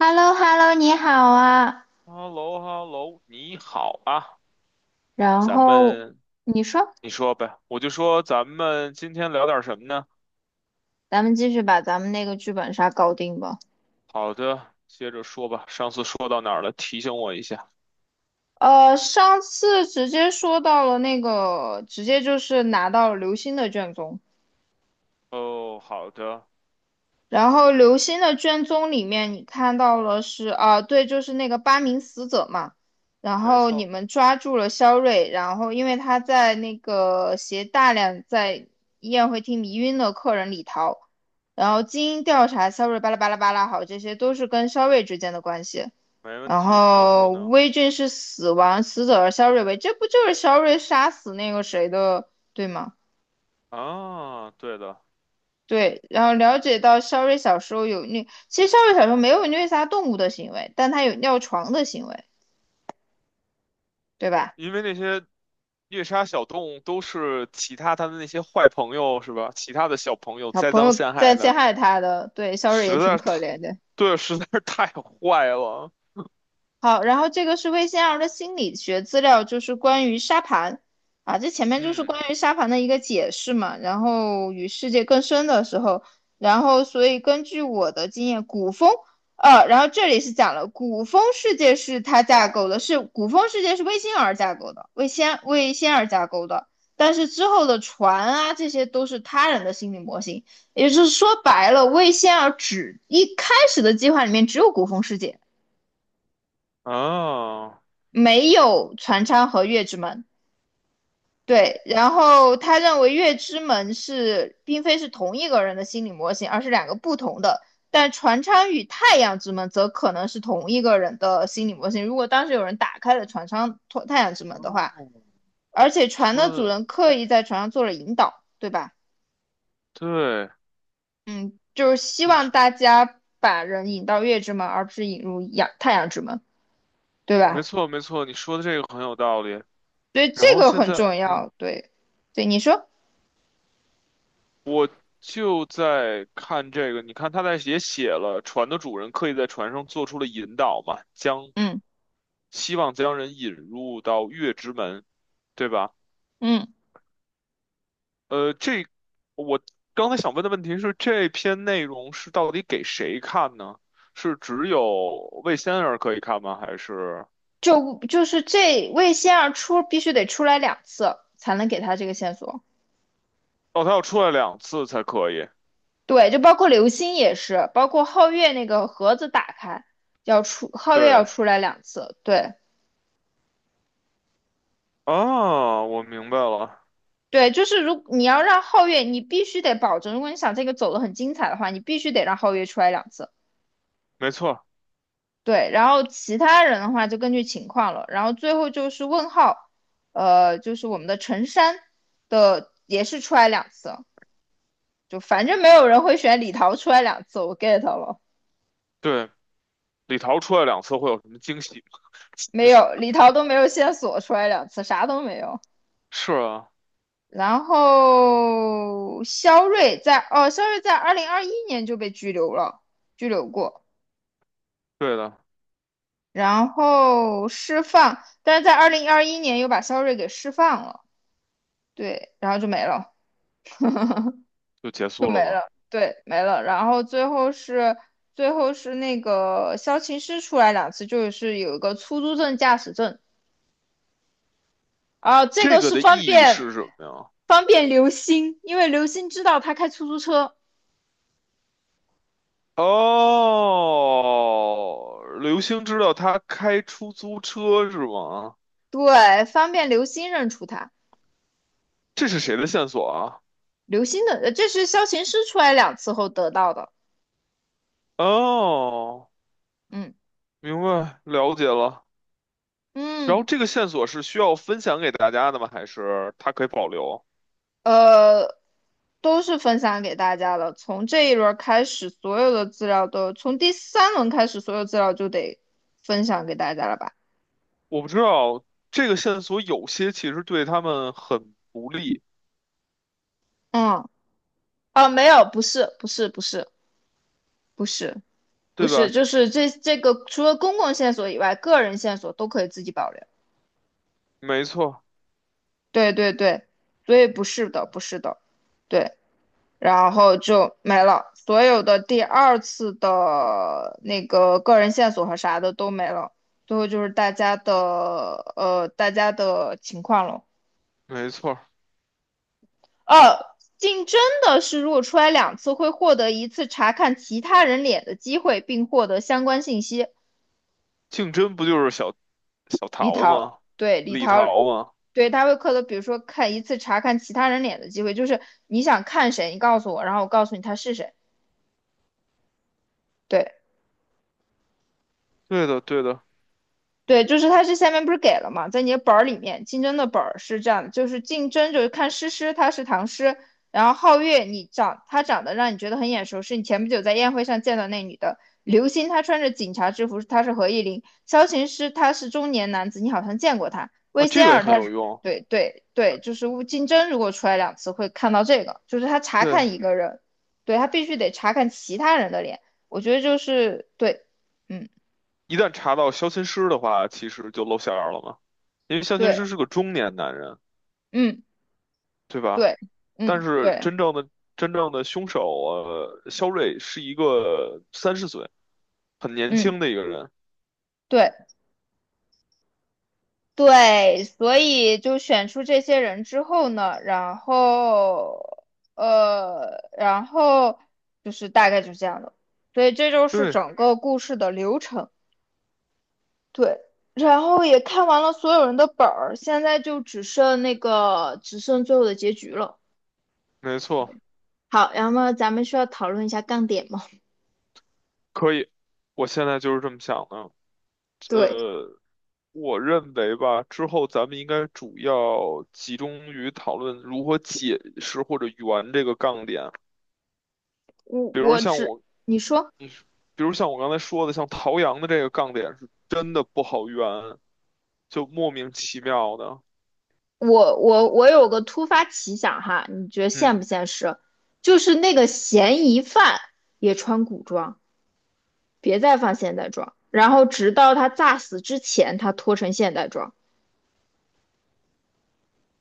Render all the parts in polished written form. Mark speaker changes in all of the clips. Speaker 1: h e l l o h e l l o 你好啊。
Speaker 2: h e l l o h e l l o 你好啊，
Speaker 1: 然
Speaker 2: 咱
Speaker 1: 后
Speaker 2: 们
Speaker 1: 你说，
Speaker 2: 你说呗，我就说咱们今天聊点什么呢？
Speaker 1: 咱们继续把咱们那个剧本杀搞定吧。
Speaker 2: 好的，接着说吧。上次说到哪儿了？提醒我一下。
Speaker 1: 上次直接说到了那个，直接就是拿到刘星的卷宗。
Speaker 2: 哦，好的，
Speaker 1: 然后刘星的卷宗里面，你看到了是啊，对，就是那个八名死者嘛。然
Speaker 2: 没
Speaker 1: 后你
Speaker 2: 错，
Speaker 1: 们抓住了肖瑞，然后因为他在那个携大量在宴会厅迷晕的客人里逃，然后经调查，肖瑞巴拉巴拉巴拉，好，这些都是跟肖瑞之间的关系。
Speaker 2: 没问
Speaker 1: 然
Speaker 2: 题。然
Speaker 1: 后
Speaker 2: 后呢？
Speaker 1: 威俊是死亡死者，而肖瑞为，这不就是肖瑞杀死那个谁的，对吗？
Speaker 2: 啊，对的，
Speaker 1: 对，然后了解到肖瑞小时候有虐，其实肖瑞小时候没有虐杀动物的行为，但他有尿床的行为，对吧？
Speaker 2: 因为那些猎杀小动物都是其他他的那些坏朋友是吧？其他的小朋友
Speaker 1: 小
Speaker 2: 栽
Speaker 1: 朋
Speaker 2: 赃
Speaker 1: 友
Speaker 2: 陷
Speaker 1: 在
Speaker 2: 害
Speaker 1: 陷
Speaker 2: 的，
Speaker 1: 害他的，对，肖瑞也
Speaker 2: 实
Speaker 1: 挺
Speaker 2: 在是太，
Speaker 1: 可怜的。
Speaker 2: 对，实在是太坏了。
Speaker 1: 好，然后这个是魏先儿的心理学资料，就是关于沙盘啊，这前面就是
Speaker 2: 嗯，
Speaker 1: 关于沙盘的一个解释嘛，然后与世界更深的时候，然后所以根据我的经验，古风，然后这里是讲了古风世界是它架构的，是古风世界是魏仙儿架构的，魏仙儿架构的，但是之后的船啊，这些都是他人的心理模型，也就是说白了，魏仙儿只一开始的计划里面只有古风世界。
Speaker 2: 啊。
Speaker 1: 没有船舱和月之门。对，然后他认为月之门是并非是同一个人的心理模型，而是两个不同的。但船舱与太阳之门则可能是同一个人的心理模型。如果当时有人打开了船舱太阳之门的
Speaker 2: 哦，
Speaker 1: 话，而且船
Speaker 2: 说
Speaker 1: 的主
Speaker 2: 的
Speaker 1: 人刻意在船上做了引导，对吧？
Speaker 2: 对，
Speaker 1: 就是希
Speaker 2: 你
Speaker 1: 望
Speaker 2: 说
Speaker 1: 大家把人引到月之门，而不是引入阳太阳之门，对
Speaker 2: 没
Speaker 1: 吧？
Speaker 2: 错，没错，你说的这个很有道理。
Speaker 1: 所以
Speaker 2: 然
Speaker 1: 这
Speaker 2: 后
Speaker 1: 个
Speaker 2: 现
Speaker 1: 很
Speaker 2: 在，
Speaker 1: 重要。对，对，你说，
Speaker 2: 就在看这个，你看他在也写了，船的主人刻意在船上做出了引导嘛，将
Speaker 1: 嗯
Speaker 2: 希望将人引入到月之门，对吧？
Speaker 1: 嗯。
Speaker 2: 呃，这我刚才想问的问题是，这篇内容是到底给谁看呢？是只有魏仙儿可以看吗？还是
Speaker 1: 就是这魏仙儿出必须得出来两次才能给他这个线索。
Speaker 2: 哦，他要出来两次才可以？
Speaker 1: 对，就包括流星也是，包括皓月那个盒子打开要出，皓月要
Speaker 2: 对。
Speaker 1: 出来两次。对
Speaker 2: 啊，我明白了。
Speaker 1: 对，就是如你要让皓月，你必须得保证，如果你想这个走得很精彩的话，你必须得让皓月出来两次。
Speaker 2: 没错，
Speaker 1: 对，然后其他人的话就根据情况了。然后最后就是问号，就是我们的陈山的也是出来两次。就反正没有人会选李桃出来两次，我 get 了，
Speaker 2: 对，李桃出来两次会有什么惊喜吗？
Speaker 1: 没
Speaker 2: 是，
Speaker 1: 有李桃都没有线索出来两次，啥都没有。
Speaker 2: 是啊，
Speaker 1: 然后肖瑞在哦，肖瑞在二零二一年就被拘留了，拘留过，
Speaker 2: 对的，
Speaker 1: 然后释放，但是在二零二一年又把肖瑞给释放了，对，然后就没了，
Speaker 2: 就结
Speaker 1: 就
Speaker 2: 束
Speaker 1: 没
Speaker 2: 了吗？
Speaker 1: 了，对，没了。然后最后是最后是那个肖琴师出来两次，就是有一个出租证、驾驶证，啊，这
Speaker 2: 这
Speaker 1: 个
Speaker 2: 个
Speaker 1: 是
Speaker 2: 的
Speaker 1: 方
Speaker 2: 意义
Speaker 1: 便
Speaker 2: 是什么呀？
Speaker 1: 方便刘星，因为刘星知道他开出租车，
Speaker 2: 哦，刘星知道他开出租车是吗？
Speaker 1: 对，方便刘星认出他。
Speaker 2: 这是谁的线索啊？
Speaker 1: 刘星的，这是萧琴师出来两次后得到的。
Speaker 2: 哦，
Speaker 1: 嗯
Speaker 2: 明白，了解了。然后
Speaker 1: 嗯，
Speaker 2: 这个线索是需要分享给大家的吗？还是他可以保留？
Speaker 1: 呃，都是分享给大家了。从这一轮开始，所有的资料都，从第三轮开始，所有资料就得分享给大家了吧？
Speaker 2: 我不知道，这个线索有些其实对他们很不利，
Speaker 1: 嗯，哦，没有，不是，不是，不是，不是，不
Speaker 2: 对
Speaker 1: 是，
Speaker 2: 吧？
Speaker 1: 就是这个除了公共线索以外，个人线索都可以自己保留。
Speaker 2: 没错。
Speaker 1: 对对对，所以不是的，不是的，对，然后就没了，所有的第二次的那个个人线索和啥的都没了，最后就是大家的大家的情况了。
Speaker 2: 没错儿，
Speaker 1: 呃，竞争的是如果出来两次会获得一次查看其他人脸的机会，并获得相关信息。
Speaker 2: 竞争不就是小
Speaker 1: 李
Speaker 2: 桃
Speaker 1: 桃，
Speaker 2: 吗？
Speaker 1: 对，李
Speaker 2: 李
Speaker 1: 桃。
Speaker 2: 桃吗？
Speaker 1: 对，他会刻的，比如说看一次查看其他人脸的机会，就是你想看谁，你告诉我，然后我告诉你他是谁。对
Speaker 2: 对的，对的。
Speaker 1: 对，就是他这下面不是给了嘛，在你的本儿里面，竞争的本儿是这样的，就是竞争就是看诗诗，她是唐诗，然后皓月你长她长得让你觉得很眼熟，是你前不久在宴会上见到那女的。刘星她穿着警察制服，她是何意玲。萧琴师他是中年男子，你好像见过他。魏
Speaker 2: 啊，这
Speaker 1: 仙
Speaker 2: 个也
Speaker 1: 儿
Speaker 2: 很
Speaker 1: 他
Speaker 2: 有
Speaker 1: 是
Speaker 2: 用。
Speaker 1: 对对对，就是乌竞争，如果出来两次会看到这个，就是他查
Speaker 2: 对，
Speaker 1: 看一个人，对他必须得查看其他人的脸。我觉得就是对，嗯
Speaker 2: 一旦查到相亲师的话，其实就露馅儿了嘛，因为相亲师
Speaker 1: 对
Speaker 2: 是个中年男人，
Speaker 1: 嗯。
Speaker 2: 对吧？
Speaker 1: 对，
Speaker 2: 但
Speaker 1: 嗯，
Speaker 2: 是
Speaker 1: 对，
Speaker 2: 真正的凶手，肖瑞是一个30岁，很年
Speaker 1: 嗯，
Speaker 2: 轻的一个人。
Speaker 1: 对，对，所以就选出这些人之后呢，然后，然后就是大概就这样的，所以这就是
Speaker 2: 对，
Speaker 1: 整个故事的流程。对，然后也看完了所有人的本儿，现在就只剩那个，只剩最后的结局了。
Speaker 2: 没错，
Speaker 1: 好，然后咱们需要讨论一下杠点吗？
Speaker 2: 可以。我现在就是这么想的。
Speaker 1: 对，
Speaker 2: 呃，我认为吧，之后咱们应该主要集中于讨论如何解释或者圆这个杠点。
Speaker 1: 我
Speaker 2: 比如
Speaker 1: 我
Speaker 2: 像
Speaker 1: 只，
Speaker 2: 我，
Speaker 1: 你说。
Speaker 2: 嗯比如像我刚才说的，像陶阳的这个杠点是真的不好圆，就莫名其妙的。
Speaker 1: 我有个突发奇想哈，你觉得现
Speaker 2: 嗯
Speaker 1: 不现实？就是那个嫌疑犯也穿古装，别再放现代装，然后直到他诈死之前，他脱成现代装。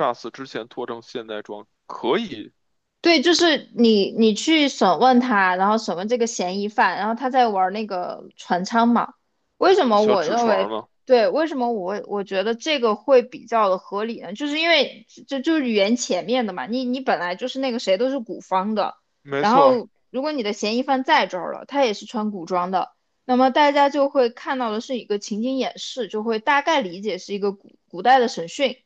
Speaker 2: GA 之前脱成现在装可以
Speaker 1: 对，就是你去审问他，然后审问这个嫌疑犯，然后他在玩那个船舱嘛。为什么
Speaker 2: 小
Speaker 1: 我
Speaker 2: 纸
Speaker 1: 认为，
Speaker 2: 船吗？
Speaker 1: 对，为什么我觉得这个会比较的合理呢？就是因为这就是语言前面的嘛，你本来就是那个谁都是古方的，
Speaker 2: 没
Speaker 1: 然
Speaker 2: 错，
Speaker 1: 后如果你的嫌疑犯在这儿了，他也是穿古装的，那么大家就会看到的是一个情景演示，就会大概理解是一个古代的审讯。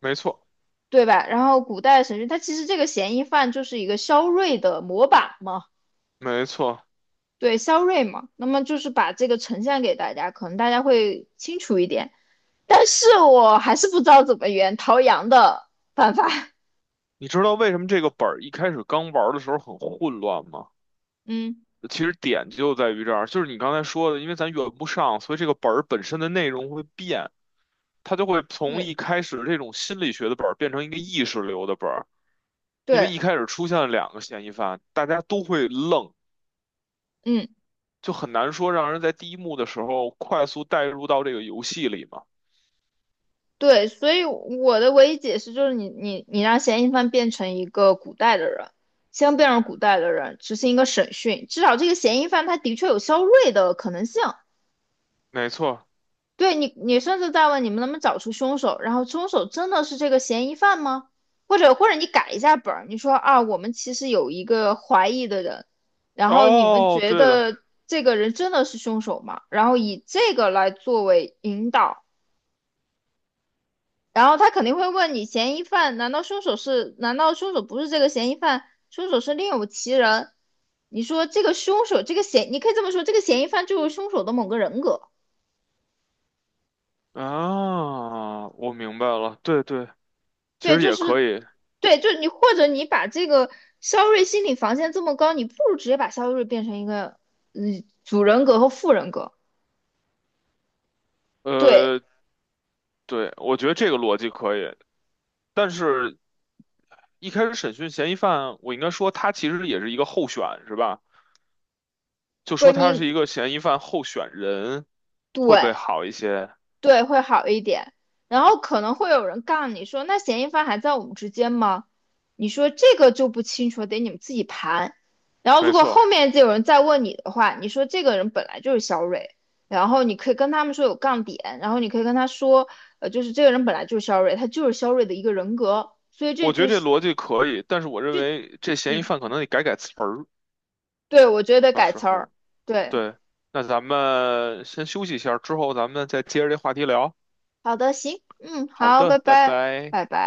Speaker 2: 没错，
Speaker 1: 对吧？然后古代审讯，他其实这个嫌疑犯就是一个肖瑞的模板嘛，
Speaker 2: 没错。
Speaker 1: 对，肖瑞嘛。那么就是把这个呈现给大家，可能大家会清楚一点。但是我还是不知道怎么圆陶阳的办法。
Speaker 2: 你知道为什么这个本儿一开始刚玩的时候很混乱吗？
Speaker 1: 嗯，
Speaker 2: 其实点就在于这儿，就是你刚才说的，因为咱圆不上，所以这个本儿本身的内容会变，它就会从
Speaker 1: 对
Speaker 2: 一开始这种心理学的本儿变成一个意识流的本儿，因为
Speaker 1: 对，
Speaker 2: 一开始出现了两个嫌疑犯，大家都会愣，
Speaker 1: 嗯
Speaker 2: 就很难说让人在第一幕的时候快速带入到这个游戏里嘛。
Speaker 1: 对，所以我的唯一解释就是你让嫌疑犯变成一个古代的人，先变成古代的人，执行一个审讯，至少这个嫌疑犯他的确有肖瑞的可能性。
Speaker 2: 没错，
Speaker 1: 对你，你甚至在问你们能不能找出凶手，然后凶手真的是这个嫌疑犯吗？或者你改一下本儿，你说啊，我们其实有一个怀疑的人，然后你们
Speaker 2: 哦，
Speaker 1: 觉
Speaker 2: 对的。
Speaker 1: 得这个人真的是凶手吗？然后以这个来作为引导，然后他肯定会问你，嫌疑犯难道凶手是？难道凶手不是这个嫌疑犯？凶手是另有其人？你说这个凶手，这个嫌，你可以这么说，这个嫌疑犯就是凶手的某个人格。
Speaker 2: 啊，我明白了，对对，其
Speaker 1: 对，
Speaker 2: 实
Speaker 1: 就
Speaker 2: 也
Speaker 1: 是
Speaker 2: 可以，
Speaker 1: 对，就你或者你把这个肖瑞心理防线这么高，你不如直接把肖瑞变成一个嗯主人格和副人格。对，
Speaker 2: 呃，对，我觉得这个逻辑可以，但是。一开始审讯嫌疑犯，我应该说他其实也是一个候选，是吧？就
Speaker 1: 不是
Speaker 2: 说他
Speaker 1: 你
Speaker 2: 是一个嫌疑犯候选人，会不会
Speaker 1: 对。
Speaker 2: 好一些？
Speaker 1: 对，会好一点。然后可能会有人杠你说，那嫌疑犯还在我们之间吗？你说这个就不清楚，得你们自己盘。然后如
Speaker 2: 没
Speaker 1: 果后
Speaker 2: 错，
Speaker 1: 面就有人再问你的话，你说这个人本来就是肖蕊，然后你可以跟他们说有杠点，然后你可以跟他说，就是这个人本来就是肖瑞，他就是肖瑞的一个人格，所以这
Speaker 2: 我觉
Speaker 1: 就
Speaker 2: 得这
Speaker 1: 是，
Speaker 2: 逻辑可以，但是我认为这嫌疑
Speaker 1: 嗯，
Speaker 2: 犯可能得改改词儿，
Speaker 1: 对，我觉得
Speaker 2: 到
Speaker 1: 改
Speaker 2: 时
Speaker 1: 词儿，
Speaker 2: 候。
Speaker 1: 对，
Speaker 2: 对，那咱们先休息一下，之后咱们再接着这话题聊。
Speaker 1: 好的，行，嗯，
Speaker 2: 好
Speaker 1: 好，拜
Speaker 2: 的，拜
Speaker 1: 拜，
Speaker 2: 拜。
Speaker 1: 拜拜。